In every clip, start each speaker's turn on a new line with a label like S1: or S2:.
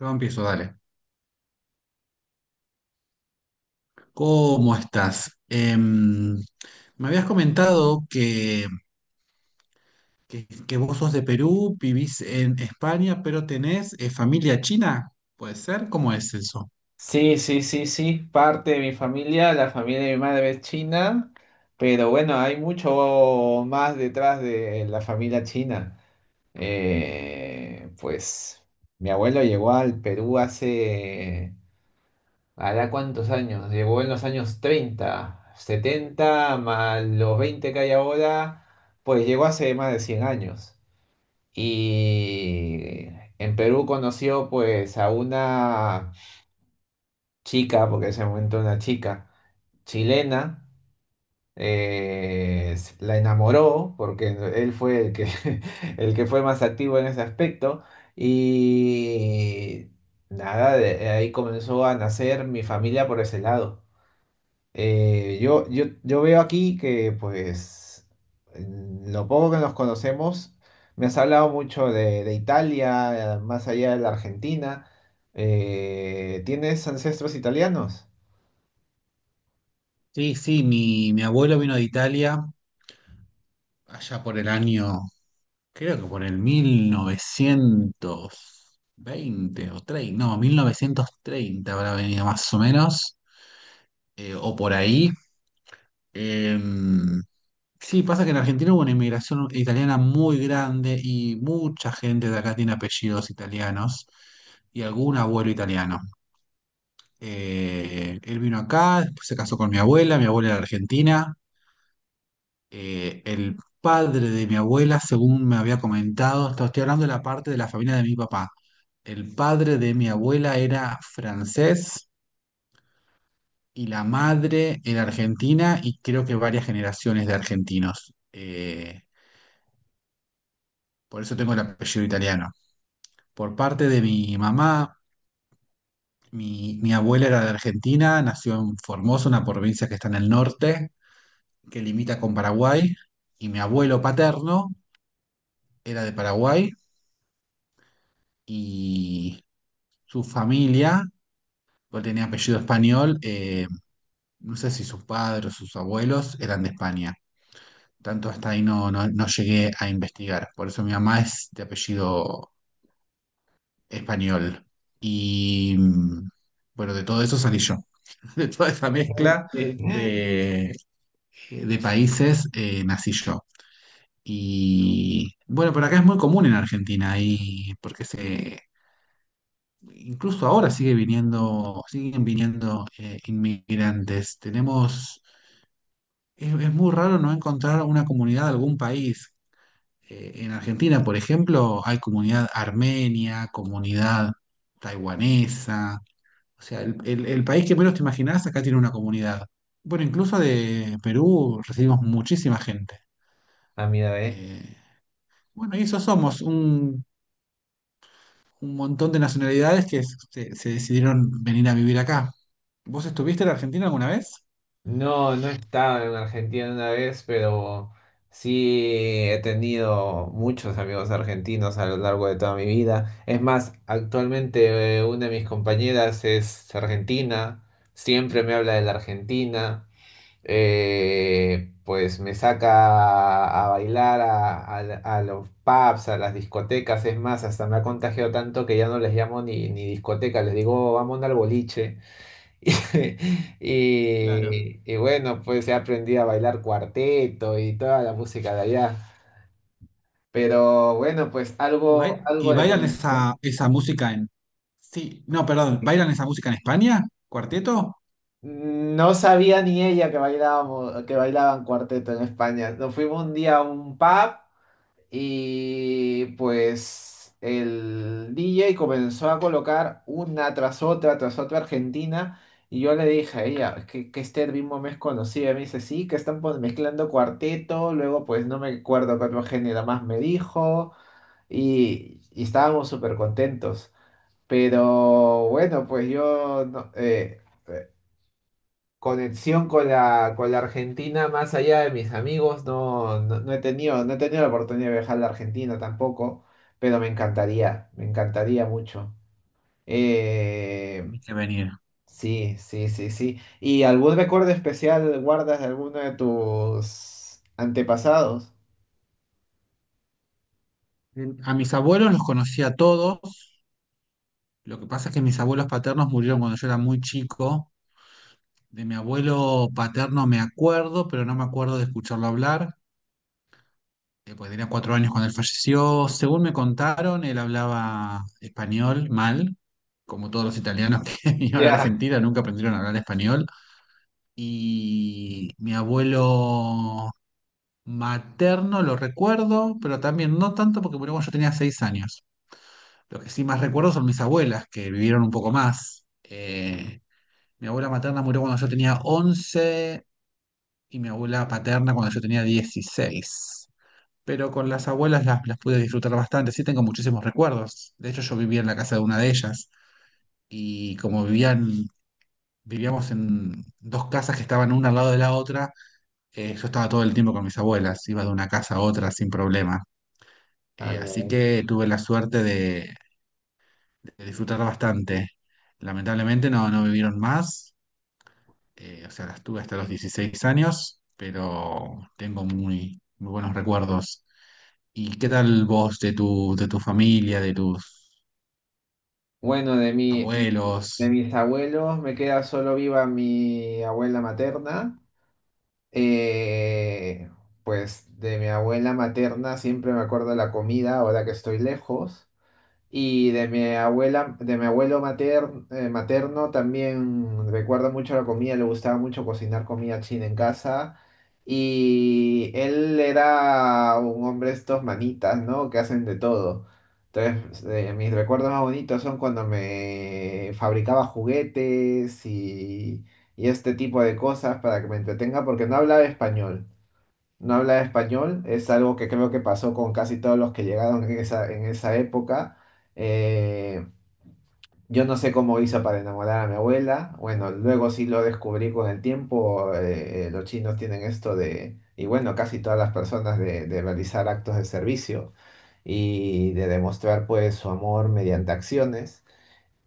S1: Yo empiezo, dale. ¿Cómo estás? Me habías comentado que vos sos de Perú, vivís en España, pero tenés familia china. ¿Puede ser? ¿Cómo es eso?
S2: Sí, sí, sí, sí, parte de mi familia, la familia de mi madre es china, pero bueno, hay mucho más detrás de la familia china. Pues mi abuelo llegó al Perú hace, ¿hará cuántos años? Llegó en los años 30, 70, más los 20 que hay ahora, pues llegó hace más de 100 años. Y en Perú conoció pues a una chica, porque en ese momento era una chica chilena, la enamoró porque él fue el que, el que fue más activo en ese aspecto y nada, de ahí comenzó a nacer mi familia por ese lado. Yo veo aquí que pues en lo poco que nos conocemos, me has hablado mucho de Italia, más allá de la Argentina. ¿Tienes ancestros italianos?
S1: Sí, sí, mi abuelo vino de Italia allá por el año, creo que por el 1920 o 30, no, 1930 habrá venido más o menos, o por ahí. Em, Sí, pasa que en Argentina hubo una inmigración italiana muy grande y mucha gente de acá tiene apellidos italianos y algún abuelo italiano. Él vino acá, después se casó con mi abuela era argentina. El padre de mi abuela, según me había comentado, esto estoy hablando de la parte de la familia de mi papá. El padre de mi abuela era francés y la madre era argentina y creo que varias generaciones de argentinos. Por eso tengo el apellido italiano. Por parte de mi mamá, mi abuela era de Argentina, nació en Formosa, una provincia que está en el norte, que limita con Paraguay, y mi abuelo paterno era de Paraguay y su familia, porque tenía apellido español, no sé si sus padres o sus abuelos eran de España. Tanto hasta ahí no llegué a investigar, por eso mi mamá es de apellido español. Y bueno, de todo eso salí yo. De toda esa mezcla
S2: Sí.
S1: de, de países, nací yo. Y bueno, por acá es muy común en Argentina, y incluso ahora sigue viniendo, siguen viniendo inmigrantes. Tenemos, es muy raro no encontrar una comunidad de algún país. En Argentina, por ejemplo, hay comunidad armenia, comunidad taiwanesa. O sea, el país que menos te imaginás acá tiene una comunidad. Bueno, incluso de Perú recibimos muchísima gente.
S2: Ah, mira, ve.
S1: Eh, bueno, y eso somos, un montón de nacionalidades que se decidieron venir a vivir acá. ¿Vos estuviste en Argentina alguna vez?
S2: No, no he estado en Argentina una vez, pero sí he tenido muchos amigos argentinos a lo largo de toda mi vida. Es más, actualmente una de mis compañeras es argentina, siempre me habla de la Argentina, pues me saca a bailar a a los pubs, a las discotecas. Es más, hasta me ha contagiado tanto que ya no les llamo ni discoteca, les digo, "Oh, vamos al boliche."
S1: Claro.
S2: Y, bueno, pues he aprendido a bailar cuarteto y toda la música de allá. Pero bueno, pues
S1: ¿Y
S2: algo, algo de
S1: bailan
S2: conexión.
S1: esa, esa música en... Sí, no, perdón, ¿bailan esa música en España? ¿Cuarteto?
S2: No sabía ni ella que bailábamos, que bailaban cuarteto en España. Nos fuimos un día a un pub. Y pues el DJ comenzó a colocar una tras otra Argentina. Y yo le dije a ella, "Es que este ritmo me es conocido." Y me dice, sí, que están mezclando cuarteto. Luego, pues no me acuerdo qué otro género más me dijo. Y estábamos súper contentos. Pero bueno, pues yo no- conexión con la Argentina, más allá de mis amigos, no, no, no he tenido, la oportunidad de viajar a la Argentina tampoco, pero me encantaría mucho. Eh,
S1: Ni que venir.
S2: sí, sí, sí, sí. ¿Y algún recuerdo especial guardas de alguno de tus antepasados?
S1: A mis abuelos los conocí a todos. Lo que pasa es que mis abuelos paternos murieron cuando yo era muy chico. De mi abuelo paterno me acuerdo, pero no me acuerdo de escucharlo hablar. Pues tenía 4 años cuando él falleció. Según me contaron, él hablaba español mal, como todos los italianos que vinieron a
S2: Ya.
S1: Argentina, nunca aprendieron a hablar español. Y mi abuelo materno lo recuerdo, pero también no tanto porque murió cuando yo tenía 6 años. Lo que sí más recuerdo son mis abuelas, que vivieron un poco más. Mi abuela materna murió cuando yo tenía 11 y mi abuela paterna cuando yo tenía 16. Pero con las abuelas las pude disfrutar bastante. Sí, tengo muchísimos recuerdos. De hecho, yo vivía en la casa de una de ellas y vivíamos en dos casas que estaban una al lado de la otra, yo estaba todo el tiempo con mis abuelas. Iba de una casa a otra sin problema.
S2: Ah,
S1: Así que tuve la suerte de disfrutar bastante. Lamentablemente no vivieron más. O sea, las tuve hasta los 16 años, pero tengo muy, muy buenos recuerdos. ¿Y qué tal vos de tu familia, de tus
S2: bueno, de mi, de, de
S1: abuelos?
S2: mis abuelos me queda solo viva mi abuela materna. Eh, pues de mi abuela materna siempre me acuerdo de la comida ahora que estoy lejos. Y de mi abuela, de mi abuelo materno, también recuerdo mucho la comida, le gustaba mucho cocinar comida china en casa. Y él era un hombre de estos manitas, ¿no? Que hacen de todo. Entonces, mis recuerdos más bonitos son cuando me fabricaba juguetes y este tipo de cosas para que me entretenga porque no hablaba español, no habla español, es algo que creo que pasó con casi todos los que llegaron en esa época. Eh, yo no sé cómo hizo para enamorar a mi abuela, bueno, luego sí lo descubrí con el tiempo, los chinos tienen esto de, y bueno, casi todas las personas de realizar actos de servicio y de demostrar pues su amor mediante acciones.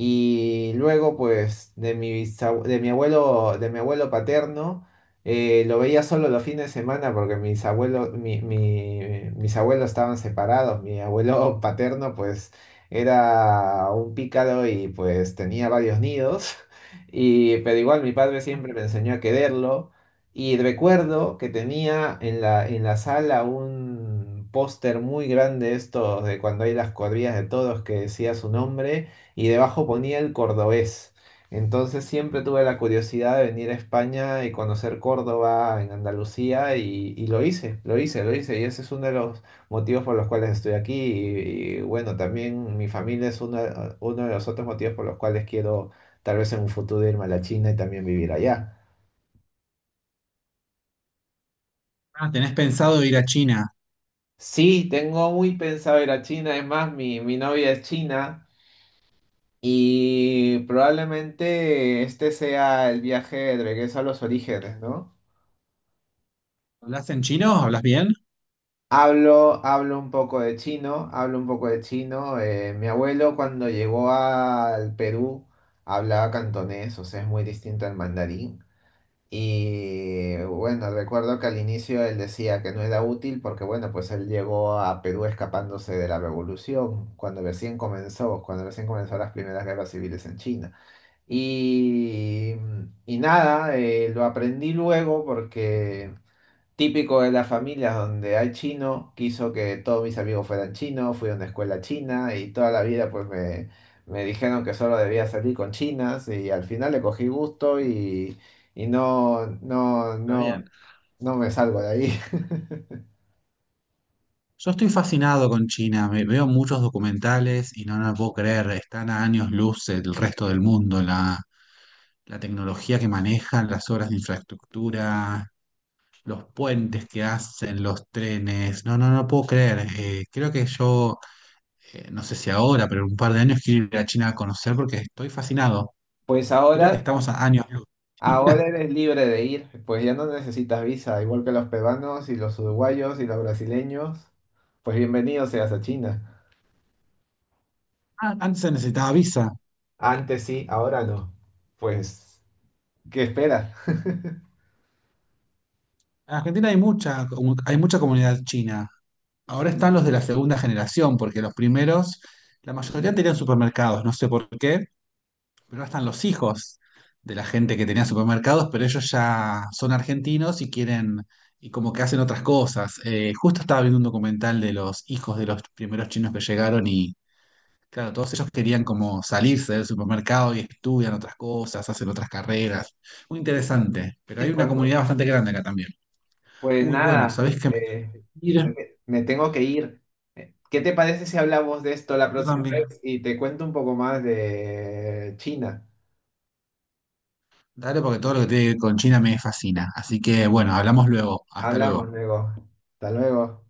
S2: Y luego, pues, de mi, bisab- de mi abuelo paterno, lo veía solo los fines de semana porque mis abuelos estaban separados. Mi abuelo paterno, pues, era un pícaro y pues tenía varios nidos. Y, pero igual mi padre siempre me enseñó a quererlo. Y recuerdo que tenía en la sala un póster muy grande, estos de cuando hay las cuadrillas de todos que decía su nombre y debajo ponía el cordobés. Entonces siempre tuve la curiosidad de venir a España y conocer Córdoba en Andalucía y lo hice, lo hice, lo hice. Y ese es uno de los motivos por los cuales estoy aquí. Bueno, también mi familia es uno de los otros motivos por los cuales quiero tal vez en un futuro irme a la China y también vivir allá.
S1: Ah, ¿tenés pensado ir a China?
S2: Sí, tengo muy pensado ir a China. Es más, mi novia es china y probablemente este sea el viaje de regreso a los orígenes, ¿no?
S1: ¿Hablas en chino? ¿Hablas bien?
S2: Hablo un poco de chino, hablo un poco de chino. Mi abuelo cuando llegó al Perú hablaba cantonés, o sea, es muy distinto al mandarín. Y bueno, recuerdo que al inicio él decía que no era útil porque bueno, pues él llegó a Perú escapándose de la revolución, cuando recién comenzó las primeras guerras civiles en China. Y, y nada, lo aprendí luego porque... Típico de las familias donde hay chino, quiso que todos mis amigos fueran chinos, fui a una escuela china y toda la vida pues me dijeron que solo debía salir con chinas y al final le cogí gusto y no, no,
S1: Está
S2: no,
S1: bien.
S2: no me salgo de ahí.
S1: Yo estoy fascinado con China. Veo muchos documentales y no puedo creer. Están a años luz del resto del mundo. La tecnología que manejan, las obras de infraestructura, los puentes que hacen, los trenes. No puedo creer. Creo que no sé si ahora, pero en un par de años quiero ir a China a conocer porque estoy fascinado.
S2: Pues
S1: Creo que estamos a años luz.
S2: ahora eres libre de ir, pues ya no necesitas visa, igual que los peruanos y los uruguayos y los brasileños, pues bienvenido seas a China.
S1: Ah, antes se necesitaba visa.
S2: Antes sí, ahora no. Pues, ¿qué esperas?
S1: En Argentina hay hay mucha comunidad china. Ahora
S2: Sí,
S1: están los de la segunda generación, porque los primeros, la mayoría tenían supermercados, no sé por qué, pero ahora están los hijos de la gente que tenía supermercados, pero ellos ya son argentinos y quieren, y como que hacen otras cosas. Justo estaba viendo un documental de los hijos de los primeros chinos que llegaron. Y claro, todos ellos querían como salirse del supermercado y estudian otras cosas, hacen otras carreras. Muy interesante, pero
S2: sí,
S1: hay una
S2: pues,
S1: comunidad bastante grande acá también.
S2: Pues
S1: Uy, bueno,
S2: nada,
S1: ¿sabés qué me... Mira,
S2: me, me tengo que ir. ¿Qué te parece si hablamos de esto la
S1: yo
S2: próxima
S1: también.
S2: vez y te cuento un poco más de China?
S1: Dale, porque todo lo que tiene que ver con China me fascina. Así que bueno, hablamos luego. Hasta luego.
S2: Hablamos luego. Hasta luego.